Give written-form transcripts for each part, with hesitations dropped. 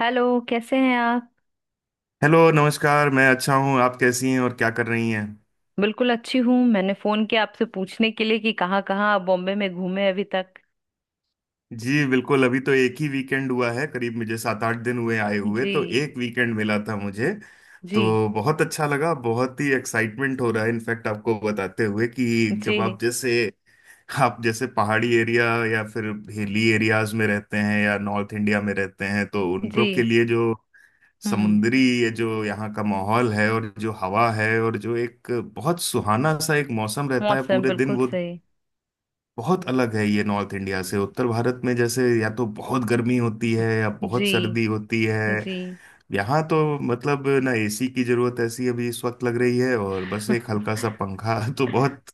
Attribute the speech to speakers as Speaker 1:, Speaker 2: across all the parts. Speaker 1: Hello. कैसे हैं आप।
Speaker 2: हेलो, नमस्कार। मैं अच्छा हूँ, आप कैसी हैं और क्या कर रही हैं?
Speaker 1: बिल्कुल अच्छी हूँ। मैंने फोन किया आपसे पूछने के लिए कि कहाँ कहाँ आप बॉम्बे में घूमे अभी तक।
Speaker 2: जी बिल्कुल। अभी तो एक ही वीकेंड हुआ है, करीब मुझे 7 8 दिन हुए आए हुए, तो
Speaker 1: जी।
Speaker 2: एक वीकेंड मिला था मुझे।
Speaker 1: जी।
Speaker 2: तो बहुत अच्छा लगा, बहुत ही एक्साइटमेंट हो रहा है इनफैक्ट आपको बताते हुए कि जब
Speaker 1: जी।
Speaker 2: आप जैसे पहाड़ी एरिया या फिर हिली एरियाज में रहते हैं या नॉर्थ इंडिया में रहते हैं, तो उन
Speaker 1: जी।
Speaker 2: लोग के लिए जो
Speaker 1: हम्म।
Speaker 2: समुद्री ये जो यहाँ का माहौल है और जो हवा है और जो एक बहुत सुहाना सा एक मौसम रहता है
Speaker 1: मौसम
Speaker 2: पूरे दिन,
Speaker 1: बिल्कुल
Speaker 2: वो
Speaker 1: सही।
Speaker 2: बहुत अलग है। ये नॉर्थ इंडिया से उत्तर भारत में जैसे या तो बहुत गर्मी होती है या बहुत
Speaker 1: जी।
Speaker 2: सर्दी होती है।
Speaker 1: जी।
Speaker 2: यहाँ तो मतलब ना एसी की जरूरत ऐसी अभी इस वक्त लग रही है और बस एक हल्का सा पंखा तो बहुत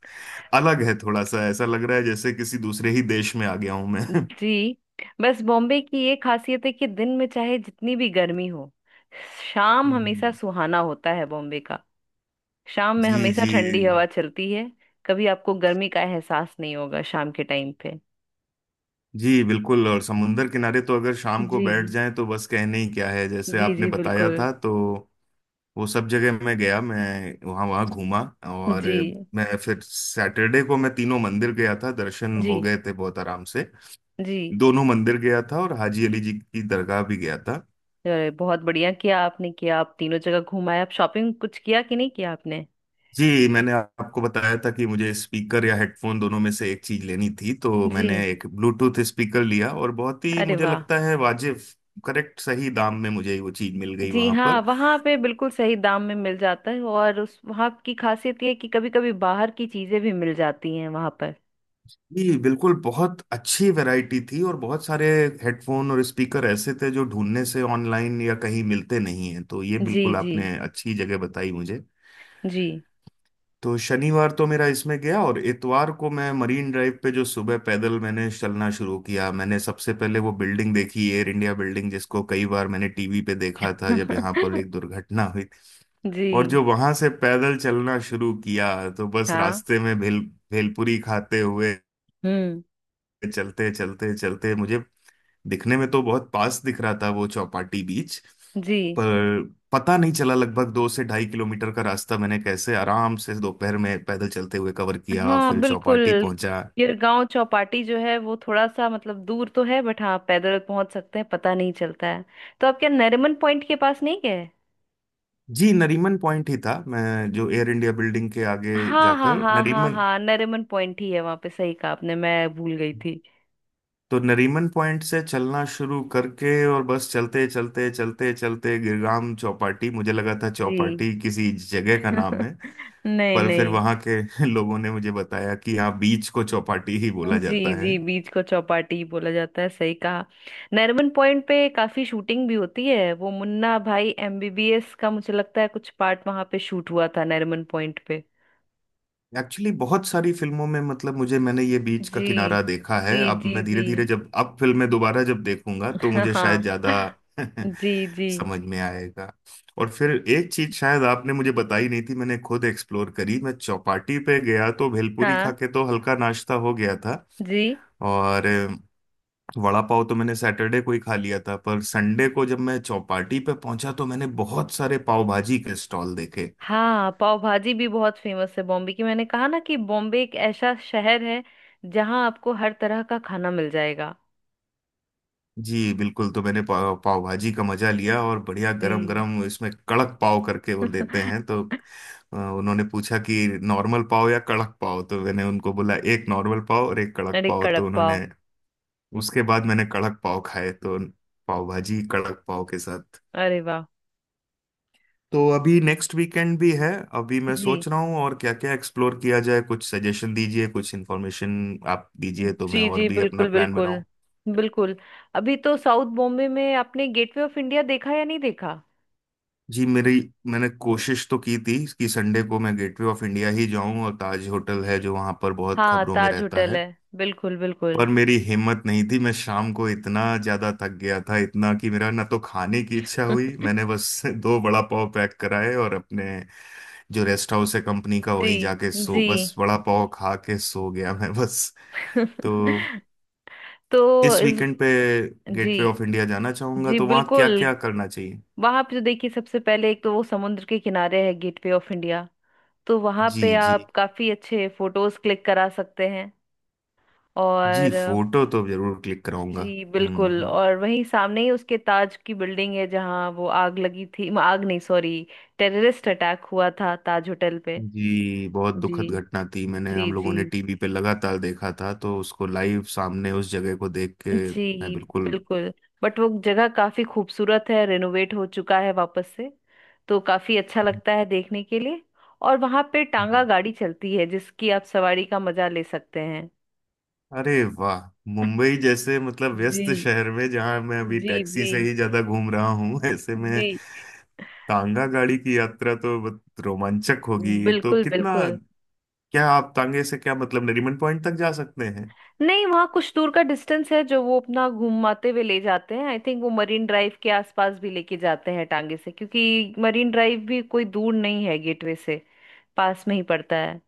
Speaker 2: अलग है, थोड़ा सा ऐसा लग रहा है जैसे किसी दूसरे ही देश में आ गया हूं मैं
Speaker 1: जी। बस बॉम्बे की ये खासियत है कि दिन में चाहे जितनी भी गर्मी हो, शाम हमेशा
Speaker 2: हम्म।
Speaker 1: सुहाना होता है बॉम्बे का। शाम में
Speaker 2: जी
Speaker 1: हमेशा
Speaker 2: जी।
Speaker 1: ठंडी हवा चलती है। कभी आपको गर्मी का एहसास नहीं होगा शाम के टाइम पे।
Speaker 2: जी बिल्कुल, और समुंदर किनारे तो अगर शाम को
Speaker 1: जी।
Speaker 2: बैठ जाएं तो बस कहने ही क्या है, जैसे
Speaker 1: जी
Speaker 2: आपने
Speaker 1: जी
Speaker 2: बताया
Speaker 1: बिल्कुल।
Speaker 2: था। तो वो सब जगह मैं गया, मैं वहाँ वहाँ घूमा। और
Speaker 1: जी
Speaker 2: मैं फिर सैटरडे को मैं तीनों मंदिर गया था, दर्शन
Speaker 1: जी
Speaker 2: हो गए थे बहुत आराम से।
Speaker 1: जी।
Speaker 2: दोनों मंदिर गया था और हाजी अली जी की दरगाह भी गया था।
Speaker 1: अरे बहुत बढ़िया किया आपने, किया आप तीनों जगह घुमाए। आप शॉपिंग कुछ किया कि नहीं किया आपने।
Speaker 2: जी, मैंने आपको बताया था कि मुझे स्पीकर या हेडफोन दोनों में से एक चीज लेनी थी, तो
Speaker 1: जी।
Speaker 2: मैंने एक ब्लूटूथ स्पीकर लिया और बहुत ही
Speaker 1: अरे
Speaker 2: मुझे
Speaker 1: वाह।
Speaker 2: लगता है वाजिब करेक्ट सही दाम में मुझे वो चीज मिल गई
Speaker 1: जी
Speaker 2: वहां
Speaker 1: हाँ,
Speaker 2: पर।
Speaker 1: वहाँ पे बिल्कुल सही दाम में मिल जाता है, और उस वहाँ की खासियत ये है कि कभी कभी बाहर की चीजें भी मिल जाती हैं वहाँ पर।
Speaker 2: जी बिल्कुल, बहुत अच्छी वैरायटी थी और बहुत सारे हेडफोन और स्पीकर ऐसे थे जो ढूंढने से ऑनलाइन या कहीं मिलते नहीं हैं, तो ये
Speaker 1: जी
Speaker 2: बिल्कुल
Speaker 1: जी।
Speaker 2: आपने अच्छी जगह बताई मुझे।
Speaker 1: जी
Speaker 2: तो शनिवार तो मेरा इसमें गया, और इतवार को मैं मरीन ड्राइव पे जो सुबह पैदल मैंने चलना शुरू किया, मैंने सबसे पहले वो बिल्डिंग देखी, एयर इंडिया बिल्डिंग, जिसको कई बार मैंने टीवी पे देखा था जब यहाँ पर एक दुर्घटना हुई।
Speaker 1: जी।
Speaker 2: और जो वहां से पैदल चलना शुरू किया, तो बस
Speaker 1: हाँ।
Speaker 2: रास्ते में भेलपुरी खाते हुए
Speaker 1: हम्म।
Speaker 2: चलते चलते चलते मुझे दिखने में तो बहुत पास दिख रहा था वो चौपाटी बीच,
Speaker 1: जी।
Speaker 2: पर पता नहीं चला लगभग 2 से 2.5 किलोमीटर का रास्ता मैंने कैसे आराम से दोपहर में पैदल चलते हुए कवर किया,
Speaker 1: हाँ
Speaker 2: फिर
Speaker 1: बिल्कुल।
Speaker 2: चौपाटी पहुंचा।
Speaker 1: गिरगांव चौपाटी जो है वो थोड़ा सा मतलब दूर तो है, बट हाँ पैदल पहुंच सकते हैं, पता नहीं चलता है। तो आप क्या नरीमन पॉइंट के पास नहीं गए?
Speaker 2: जी नरीमन पॉइंट ही था, मैं जो एयर इंडिया बिल्डिंग के आगे
Speaker 1: हाँ हाँ
Speaker 2: जाकर
Speaker 1: हाँ हाँ
Speaker 2: नरीमन,
Speaker 1: हाँ, नरीमन पॉइंट ही है वहां पे, सही कहा आपने, मैं भूल गई थी।
Speaker 2: तो नरीमन पॉइंट से चलना शुरू करके और बस चलते चलते चलते चलते गिरगाम चौपाटी, मुझे लगा था
Speaker 1: जी।
Speaker 2: चौपाटी किसी जगह का नाम है,
Speaker 1: नहीं
Speaker 2: पर फिर
Speaker 1: नहीं।
Speaker 2: वहां के लोगों ने मुझे बताया कि यहाँ बीच को चौपाटी ही बोला
Speaker 1: जी
Speaker 2: जाता है।
Speaker 1: जी, बीच को चौपाटी बोला जाता है, सही कहा। नरीमन पॉइंट पे काफी शूटिंग भी होती है, वो मुन्ना भाई एमबीबीएस का मुझे लगता है कुछ पार्ट वहां पे शूट हुआ था नरीमन पॉइंट पे।
Speaker 2: एक्चुअली बहुत सारी फिल्मों में मतलब मुझे मैंने ये बीच का
Speaker 1: जी
Speaker 2: किनारा देखा है,
Speaker 1: जी
Speaker 2: अब
Speaker 1: जी
Speaker 2: मैं धीरे
Speaker 1: जी।
Speaker 2: धीरे जब अब फिल्में दोबारा जब देखूंगा तो मुझे शायद
Speaker 1: हाँ।
Speaker 2: ज्यादा
Speaker 1: जी जी।
Speaker 2: समझ में आएगा। और फिर एक चीज शायद आपने मुझे बताई नहीं थी, मैंने खुद एक्सप्लोर करी, मैं चौपाटी पे गया तो भेलपूरी खा
Speaker 1: हाँ।
Speaker 2: के तो हल्का नाश्ता हो गया था।
Speaker 1: जी।
Speaker 2: और वड़ा पाव तो मैंने सैटरडे को ही खा लिया था, पर संडे को जब मैं चौपाटी पे पहुंचा तो मैंने बहुत सारे पाव भाजी के स्टॉल देखे।
Speaker 1: हाँ, पाव भाजी भी बहुत फेमस है बॉम्बे की। मैंने कहा ना कि बॉम्बे एक ऐसा शहर है जहाँ आपको हर तरह का खाना मिल जाएगा।
Speaker 2: जी बिल्कुल, तो मैंने पाव भाजी का मजा लिया, और बढ़िया गरम
Speaker 1: जी।
Speaker 2: गरम इसमें कड़क पाव करके वो देते हैं। तो उन्होंने पूछा कि नॉर्मल पाव या कड़क पाव, तो मैंने उनको बोला एक नॉर्मल पाव और एक कड़क
Speaker 1: अरे
Speaker 2: पाव, तो
Speaker 1: कड़क पाव।
Speaker 2: उन्होंने उसके बाद मैंने कड़क पाव खाए, तो पाव भाजी कड़क पाव के साथ।
Speaker 1: अरे वाह।
Speaker 2: तो अभी नेक्स्ट वीकेंड भी है, अभी मैं
Speaker 1: जी।
Speaker 2: सोच रहा हूँ और क्या क्या एक्सप्लोर किया जाए, कुछ सजेशन दीजिए, कुछ इन्फॉर्मेशन आप दीजिए तो मैं
Speaker 1: जी
Speaker 2: और
Speaker 1: जी
Speaker 2: भी अपना
Speaker 1: बिल्कुल
Speaker 2: प्लान
Speaker 1: बिल्कुल
Speaker 2: बनाऊँ।
Speaker 1: बिल्कुल। अभी तो साउथ बॉम्बे में आपने गेटवे ऑफ इंडिया देखा या नहीं देखा?
Speaker 2: जी मेरी, मैंने कोशिश तो की थी कि संडे को मैं गेटवे ऑफ इंडिया ही जाऊं और ताज होटल है
Speaker 1: जी।
Speaker 2: जो वहां पर बहुत
Speaker 1: हाँ
Speaker 2: खबरों में
Speaker 1: ताज
Speaker 2: रहता
Speaker 1: होटल
Speaker 2: है,
Speaker 1: है। बिल्कुल बिल्कुल।
Speaker 2: पर मेरी हिम्मत नहीं थी, मैं शाम को इतना ज्यादा थक गया था इतना कि मेरा ना तो खाने की इच्छा हुई, मैंने बस दो बड़ा पाव पैक कराए और अपने जो रेस्ट हाउस है कंपनी का
Speaker 1: जी
Speaker 2: वहीं जाके सो,
Speaker 1: जी।
Speaker 2: बस बड़ा पाव खा के सो गया मैं बस। तो
Speaker 1: तो
Speaker 2: इस
Speaker 1: इस
Speaker 2: वीकेंड पे
Speaker 1: जी
Speaker 2: गेटवे ऑफ इंडिया जाना चाहूंगा,
Speaker 1: जी
Speaker 2: तो वहां
Speaker 1: बिल्कुल।
Speaker 2: क्या क्या करना चाहिए?
Speaker 1: वहां पे तो देखिए सबसे पहले एक तो वो समुद्र के किनारे है गेटवे ऑफ इंडिया, तो वहां
Speaker 2: जी
Speaker 1: पे
Speaker 2: जी।
Speaker 1: आप काफी अच्छे फोटोज क्लिक करा सकते हैं।
Speaker 2: जी,
Speaker 1: और
Speaker 2: फोटो तो जरूर क्लिक कराऊंगा।
Speaker 1: जी
Speaker 2: हम्म
Speaker 1: बिल्कुल,
Speaker 2: हम्म।
Speaker 1: और वहीं सामने ही उसके ताज की बिल्डिंग है जहाँ वो आग लगी थी, आग नहीं सॉरी, टेररिस्ट अटैक हुआ था ताज होटल पे।
Speaker 2: जी बहुत
Speaker 1: जी
Speaker 2: दुखद घटना थी, मैंने
Speaker 1: जी
Speaker 2: हम लोगों
Speaker 1: जी।
Speaker 2: ने टीवी पे लगातार देखा था, तो उसको लाइव सामने उस जगह को देख के मैं
Speaker 1: जी
Speaker 2: बिल्कुल।
Speaker 1: बिल्कुल। बट वो जगह काफी खूबसूरत है, रेनोवेट हो चुका है वापस से, तो काफी अच्छा लगता है देखने के लिए। और वहां पे टांगा
Speaker 2: हम्म।
Speaker 1: गाड़ी चलती है जिसकी आप सवारी का मजा ले सकते हैं।
Speaker 2: अरे वाह, मुंबई जैसे मतलब व्यस्त
Speaker 1: जी
Speaker 2: शहर में जहां मैं अभी
Speaker 1: जी।
Speaker 2: टैक्सी
Speaker 1: जी
Speaker 2: से ही ज्यादा घूम रहा हूँ ऐसे
Speaker 1: जी
Speaker 2: में तांगा गाड़ी की यात्रा तो बहुत रोमांचक होगी। तो
Speaker 1: बिल्कुल
Speaker 2: कितना,
Speaker 1: बिल्कुल।
Speaker 2: क्या आप तांगे से क्या मतलब नरीमन पॉइंट तक जा सकते हैं?
Speaker 1: नहीं, वहाँ कुछ दूर का डिस्टेंस है जो वो अपना घूमाते हुए ले जाते हैं, आई थिंक वो मरीन ड्राइव के आसपास भी लेके जाते हैं टांगे से, क्योंकि मरीन ड्राइव भी कोई दूर नहीं है गेटवे से। पास में ही पड़ता है।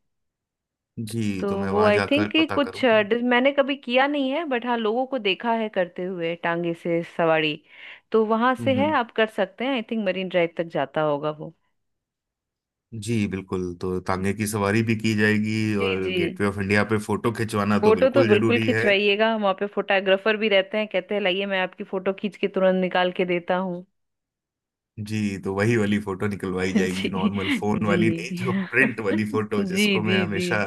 Speaker 2: जी
Speaker 1: तो
Speaker 2: तो मैं
Speaker 1: वो
Speaker 2: वहां
Speaker 1: आई थिंक
Speaker 2: जाकर
Speaker 1: कि
Speaker 2: पता
Speaker 1: कुछ
Speaker 2: करूंगा।
Speaker 1: मैंने कभी किया नहीं है, बट हाँ लोगों को देखा है करते हुए टांगे से सवारी। तो वहां से
Speaker 2: हम्म
Speaker 1: है
Speaker 2: हम्म।
Speaker 1: आप कर सकते हैं, आई थिंक मरीन ड्राइव तक जाता होगा वो।
Speaker 2: जी बिल्कुल, तो तांगे
Speaker 1: ओके।
Speaker 2: की सवारी भी की जाएगी
Speaker 1: जी
Speaker 2: और
Speaker 1: जी।
Speaker 2: गेटवे ऑफ इंडिया पे फोटो खिंचवाना तो
Speaker 1: फोटो तो
Speaker 2: बिल्कुल
Speaker 1: बिल्कुल
Speaker 2: जरूरी है।
Speaker 1: खिंचवाइएगा वहां पे, फोटोग्राफर भी रहते हैं, कहते हैं लाइए मैं आपकी फोटो खींच के तुरंत निकाल के देता हूँ।
Speaker 2: जी तो वही वाली फोटो निकलवाई
Speaker 1: जी
Speaker 2: जाएगी, नॉर्मल फोन
Speaker 1: जी
Speaker 2: वाली नहीं, जो प्रिंट वाली फोटो
Speaker 1: जी
Speaker 2: जिसको मैं
Speaker 1: जी जी।
Speaker 2: हमेशा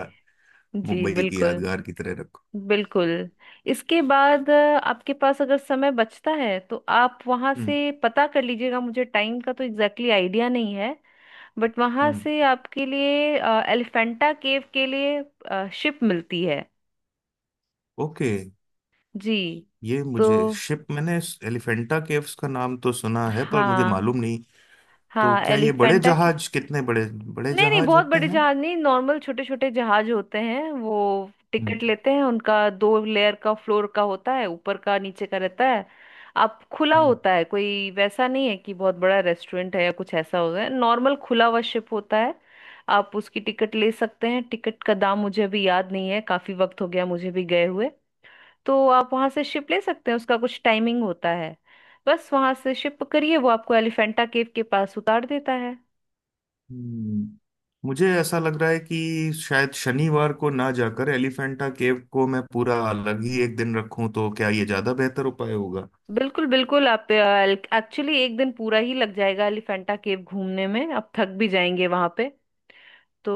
Speaker 1: जी
Speaker 2: मुंबई की
Speaker 1: बिल्कुल।
Speaker 2: यादगार की तरह रखूं।
Speaker 1: बिल्कुल। इसके बाद आपके पास अगर समय बचता है तो आप वहां
Speaker 2: हम्म
Speaker 1: से पता कर लीजिएगा, मुझे टाइम का तो एग्जैक्टली आइडिया नहीं है। बट वहां
Speaker 2: हम्म।
Speaker 1: से आपके लिए एलिफेंटा केव के लिए शिप मिलती है।
Speaker 2: ओके।
Speaker 1: जी।
Speaker 2: ये
Speaker 1: तो
Speaker 2: मुझे शिप मैंने एलिफेंटा केव्स का नाम तो सुना है पर मुझे
Speaker 1: हाँ
Speaker 2: मालूम नहीं। तो
Speaker 1: हाँ
Speaker 2: क्या ये बड़े
Speaker 1: एलिफेंटा।
Speaker 2: जहाज, कितने बड़े बड़े
Speaker 1: नहीं नहीं,
Speaker 2: जहाज
Speaker 1: बहुत
Speaker 2: होते
Speaker 1: बड़े
Speaker 2: हैं?
Speaker 1: जहाज नहीं, नॉर्मल छोटे छोटे जहाज होते हैं वो।
Speaker 2: हम्म
Speaker 1: टिकट लेते हैं, उनका दो लेयर का फ्लोर का होता है, ऊपर का नीचे का रहता है। आप खुला होता है, कोई वैसा नहीं है कि बहुत बड़ा रेस्टोरेंट है या कुछ ऐसा होता है, नॉर्मल खुला हुआ शिप होता है। आप उसकी टिकट ले सकते हैं, टिकट का दाम मुझे अभी याद नहीं है, काफी वक्त हो गया मुझे भी गए हुए। तो आप वहां से शिप ले सकते हैं, उसका कुछ टाइमिंग होता है। बस वहां से शिप पकड़िए, वो आपको एलिफेंटा केव के पास उतार देता है।
Speaker 2: हम्म, मुझे ऐसा लग रहा है कि शायद शनिवार को ना जाकर एलिफेंटा केव को मैं पूरा अलग ही एक दिन रखूं, तो क्या ये ज्यादा बेहतर उपाय होगा?
Speaker 1: बिल्कुल बिल्कुल, आप एक्चुअली एक दिन पूरा ही लग जाएगा एलिफेंटा केव घूमने में, आप थक भी जाएंगे वहां पे। तो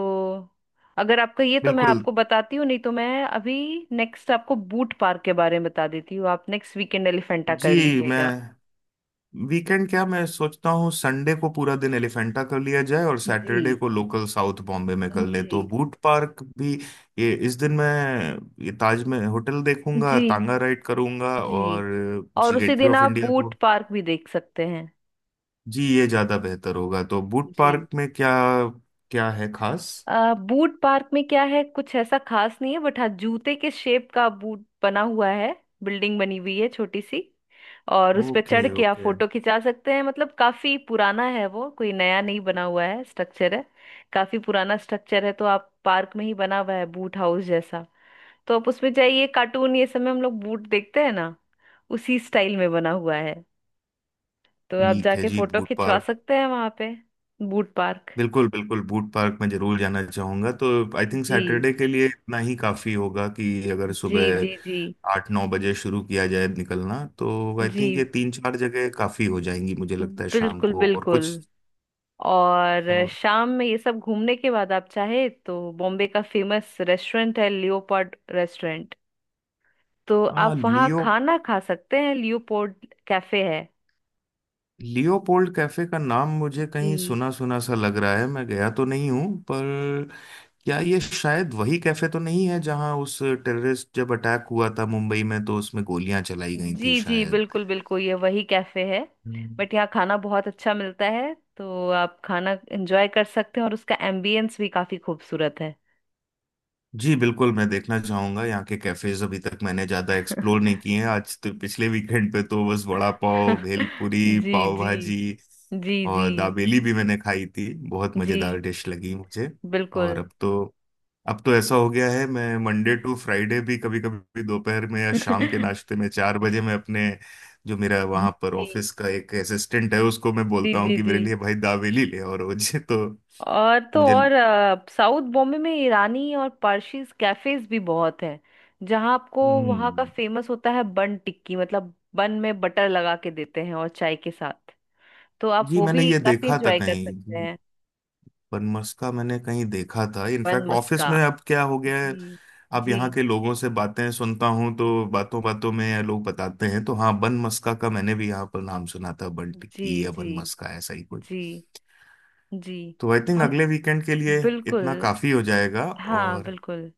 Speaker 1: अगर आपका ये तो मैं
Speaker 2: बिल्कुल।
Speaker 1: आपको बताती हूँ, नहीं तो मैं अभी नेक्स्ट आपको बूट पार्क के बारे में बता देती हूँ। आप नेक्स्ट वीकेंड एलिफेंटा कर
Speaker 2: जी मैं,
Speaker 1: लीजिएगा।
Speaker 2: वीकेंड क्या मैं सोचता हूँ संडे को पूरा दिन एलिफेंटा कर लिया जाए और
Speaker 1: जी
Speaker 2: सैटरडे को लोकल साउथ बॉम्बे में कर लें,
Speaker 1: जी
Speaker 2: तो बूट पार्क भी ये इस दिन मैं ये ताज में होटल देखूंगा,
Speaker 1: जी।
Speaker 2: तांगा राइड करूंगा और
Speaker 1: जी, और
Speaker 2: जी
Speaker 1: उसी
Speaker 2: गेटवे
Speaker 1: दिन
Speaker 2: ऑफ
Speaker 1: आप
Speaker 2: इंडिया
Speaker 1: बूट
Speaker 2: को।
Speaker 1: पार्क भी देख सकते हैं।
Speaker 2: जी ये ज्यादा बेहतर होगा। तो बूट
Speaker 1: जी।
Speaker 2: पार्क में क्या, क्या है खास?
Speaker 1: बूट पार्क में क्या है, कुछ ऐसा खास नहीं है, बट हाँ जूते के शेप का बूट बना हुआ है, बिल्डिंग बनी हुई है छोटी सी। और उस पे
Speaker 2: ओके
Speaker 1: चढ़ के आप
Speaker 2: ओके।
Speaker 1: फोटो खिंचा सकते हैं, मतलब काफी पुराना है वो, कोई नया नहीं बना हुआ है, स्ट्रक्चर है। काफी पुराना स्ट्रक्चर है, तो आप पार्क में ही बना हुआ है बूट हाउस जैसा। तो आप उसमें जाइए, कार्टून ये सब में हम लोग बूट देखते हैं ना, उसी स्टाइल में बना हुआ है। तो आप
Speaker 2: ठीक है
Speaker 1: जाके
Speaker 2: जी,
Speaker 1: फोटो
Speaker 2: बूट
Speaker 1: खिंचवा
Speaker 2: पार्क।
Speaker 1: सकते हैं वहां पे। Boot park.
Speaker 2: बिल्कुल बिल्कुल, बूट पार्क में जरूर जाना चाहूंगा। तो आई थिंक
Speaker 1: जी
Speaker 2: सैटरडे के लिए इतना ही काफी होगा कि अगर
Speaker 1: जी
Speaker 2: सुबह
Speaker 1: जी जी।
Speaker 2: 8 9 बजे शुरू किया जाए निकलना, तो आई
Speaker 1: जी
Speaker 2: थिंक ये तीन चार जगह काफी हो जाएंगी, मुझे लगता है शाम
Speaker 1: बिल्कुल
Speaker 2: को और
Speaker 1: बिल्कुल।
Speaker 2: कुछ।
Speaker 1: और
Speaker 2: और
Speaker 1: शाम में ये सब घूमने के बाद आप चाहे तो बॉम्बे का फेमस रेस्टोरेंट है, लियोपोल्ड रेस्टोरेंट, तो
Speaker 2: हाँ,
Speaker 1: आप वहाँ खाना खा सकते हैं, लियोपोल्ड कैफे है।
Speaker 2: लियोपोल्ड कैफे का नाम मुझे
Speaker 1: जी
Speaker 2: कहीं सुना सुना सा लग रहा है, मैं गया तो नहीं हूँ, पर क्या ये शायद वही कैफे तो नहीं है जहां उस टेररिस्ट जब अटैक हुआ था मुंबई में तो उसमें गोलियां चलाई गई थी
Speaker 1: जी जी
Speaker 2: शायद?
Speaker 1: बिल्कुल बिल्कुल, ये वही कैफे है।
Speaker 2: हम्म।
Speaker 1: बट यहाँ खाना बहुत अच्छा मिलता है, तो आप खाना एंजॉय कर सकते हैं, और उसका एम्बियंस भी काफी खूबसूरत है।
Speaker 2: जी बिल्कुल, मैं देखना चाहूंगा यहाँ के कैफेज। अभी तक मैंने ज्यादा एक्सप्लोर नहीं किए हैं आज तो, पिछले वीकेंड पे तो बस वड़ा पाव, भेलपुरी,
Speaker 1: जी
Speaker 2: पाव
Speaker 1: जी।
Speaker 2: भाजी
Speaker 1: जी जी
Speaker 2: और दाबेली भी मैंने खाई थी, बहुत
Speaker 1: जी
Speaker 2: मजेदार डिश लगी मुझे। और
Speaker 1: बिल्कुल।
Speaker 2: अब तो ऐसा हो गया है मैं मंडे टू फ्राइडे भी कभी कभी दोपहर में या शाम के नाश्ते में 4 बजे मैं अपने जो मेरा वहां पर
Speaker 1: जी
Speaker 2: ऑफिस का एक असिस्टेंट है, उसको मैं
Speaker 1: जी
Speaker 2: बोलता हूँ
Speaker 1: जी
Speaker 2: कि
Speaker 1: जी।
Speaker 2: मेरे लिए भाई दावेली ले, और रोज तो
Speaker 1: और तो
Speaker 2: मुझे
Speaker 1: और साउथ बॉम्बे में ईरानी और पारसीज कैफेज भी बहुत हैं, जहाँ आपको वहाँ का
Speaker 2: हम्म।
Speaker 1: फेमस होता है बन टिक्की, मतलब बन में बटर लगा के देते हैं और चाय के साथ, तो आप
Speaker 2: जी
Speaker 1: वो
Speaker 2: मैंने
Speaker 1: भी
Speaker 2: ये
Speaker 1: काफी
Speaker 2: देखा था
Speaker 1: इंजॉय कर सकते
Speaker 2: कहीं,
Speaker 1: हैं।
Speaker 2: बनमस्का मैंने कहीं देखा था
Speaker 1: बन
Speaker 2: इनफैक्ट ऑफिस
Speaker 1: मस्का।
Speaker 2: में अब क्या हो गया है,
Speaker 1: जी
Speaker 2: अब
Speaker 1: जी
Speaker 2: यहाँ के लोगों से बातें सुनता हूँ तो बातों बातों में लोग बताते हैं, तो हाँ बनमस्का का मैंने भी यहाँ पर नाम सुना था, बन
Speaker 1: जी
Speaker 2: टिक्की या
Speaker 1: जी
Speaker 2: बनमस्का ऐसा ही।
Speaker 1: जी जी।
Speaker 2: तो आई थिंक
Speaker 1: हम
Speaker 2: अगले वीकेंड के लिए इतना
Speaker 1: बिल्कुल।
Speaker 2: काफी हो जाएगा।
Speaker 1: हाँ
Speaker 2: और
Speaker 1: बिल्कुल।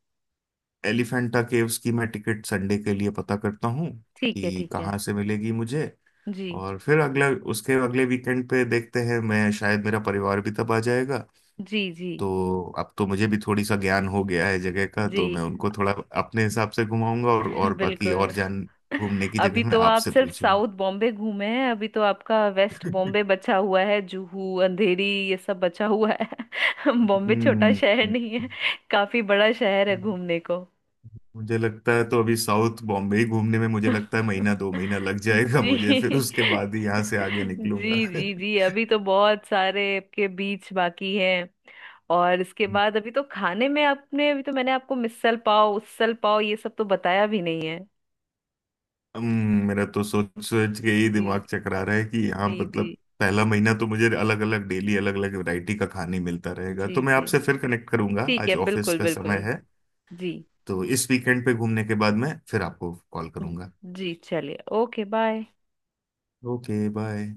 Speaker 2: एलिफेंटा केव्स की मैं टिकट संडे के लिए पता करता हूँ
Speaker 1: ठीक है
Speaker 2: कि
Speaker 1: ठीक है।
Speaker 2: कहाँ से मिलेगी मुझे।
Speaker 1: जी
Speaker 2: और फिर अगला उसके अगले वीकेंड पे देखते हैं, मैं शायद मेरा परिवार भी तब आ जाएगा,
Speaker 1: जी जी
Speaker 2: तो अब तो मुझे भी थोड़ी सा ज्ञान हो गया है जगह का, तो
Speaker 1: जी।
Speaker 2: मैं उनको थोड़ा अपने हिसाब से घुमाऊंगा, और बाकी
Speaker 1: बिल्कुल।
Speaker 2: और जान घूमने की
Speaker 1: अभी
Speaker 2: जगह मैं
Speaker 1: तो आप
Speaker 2: आपसे
Speaker 1: सिर्फ
Speaker 2: पूछूंगा।
Speaker 1: साउथ बॉम्बे घूमे हैं, अभी तो आपका वेस्ट बॉम्बे बचा हुआ है, जुहू अंधेरी ये सब बचा हुआ है। बॉम्बे छोटा
Speaker 2: हम्म।
Speaker 1: शहर नहीं है, काफी बड़ा शहर है घूमने को।
Speaker 2: मुझे लगता है तो अभी साउथ बॉम्बे ही घूमने में मुझे लगता है महीना 2 महीना लग जाएगा मुझे, फिर
Speaker 1: जी।
Speaker 2: उसके बाद ही यहाँ से आगे निकलूंगा
Speaker 1: जी जी जी, अभी तो बहुत सारे आपके बीच बाकी हैं। और इसके बाद अभी तो खाने में आपने, अभी तो मैंने आपको मिसल पाव, उसल पाव ये सब तो बताया भी नहीं है।
Speaker 2: मेरा तो सोच सोच के ही दिमाग
Speaker 1: जी
Speaker 2: चकरा रहा है कि यहाँ
Speaker 1: जी
Speaker 2: मतलब
Speaker 1: जी
Speaker 2: पहला महीना तो मुझे अलग अलग डेली अलग अलग वैरायटी का खाने मिलता रहेगा। तो
Speaker 1: जी
Speaker 2: मैं
Speaker 1: जी।
Speaker 2: आपसे फिर कनेक्ट करूंगा,
Speaker 1: ठीक है
Speaker 2: आज ऑफिस
Speaker 1: बिल्कुल
Speaker 2: का समय
Speaker 1: बिल्कुल।
Speaker 2: है।
Speaker 1: जी
Speaker 2: तो इस वीकेंड पे घूमने के बाद मैं फिर आपको कॉल करूंगा।
Speaker 1: जी, चलिए ओके बाय।
Speaker 2: Okay bye.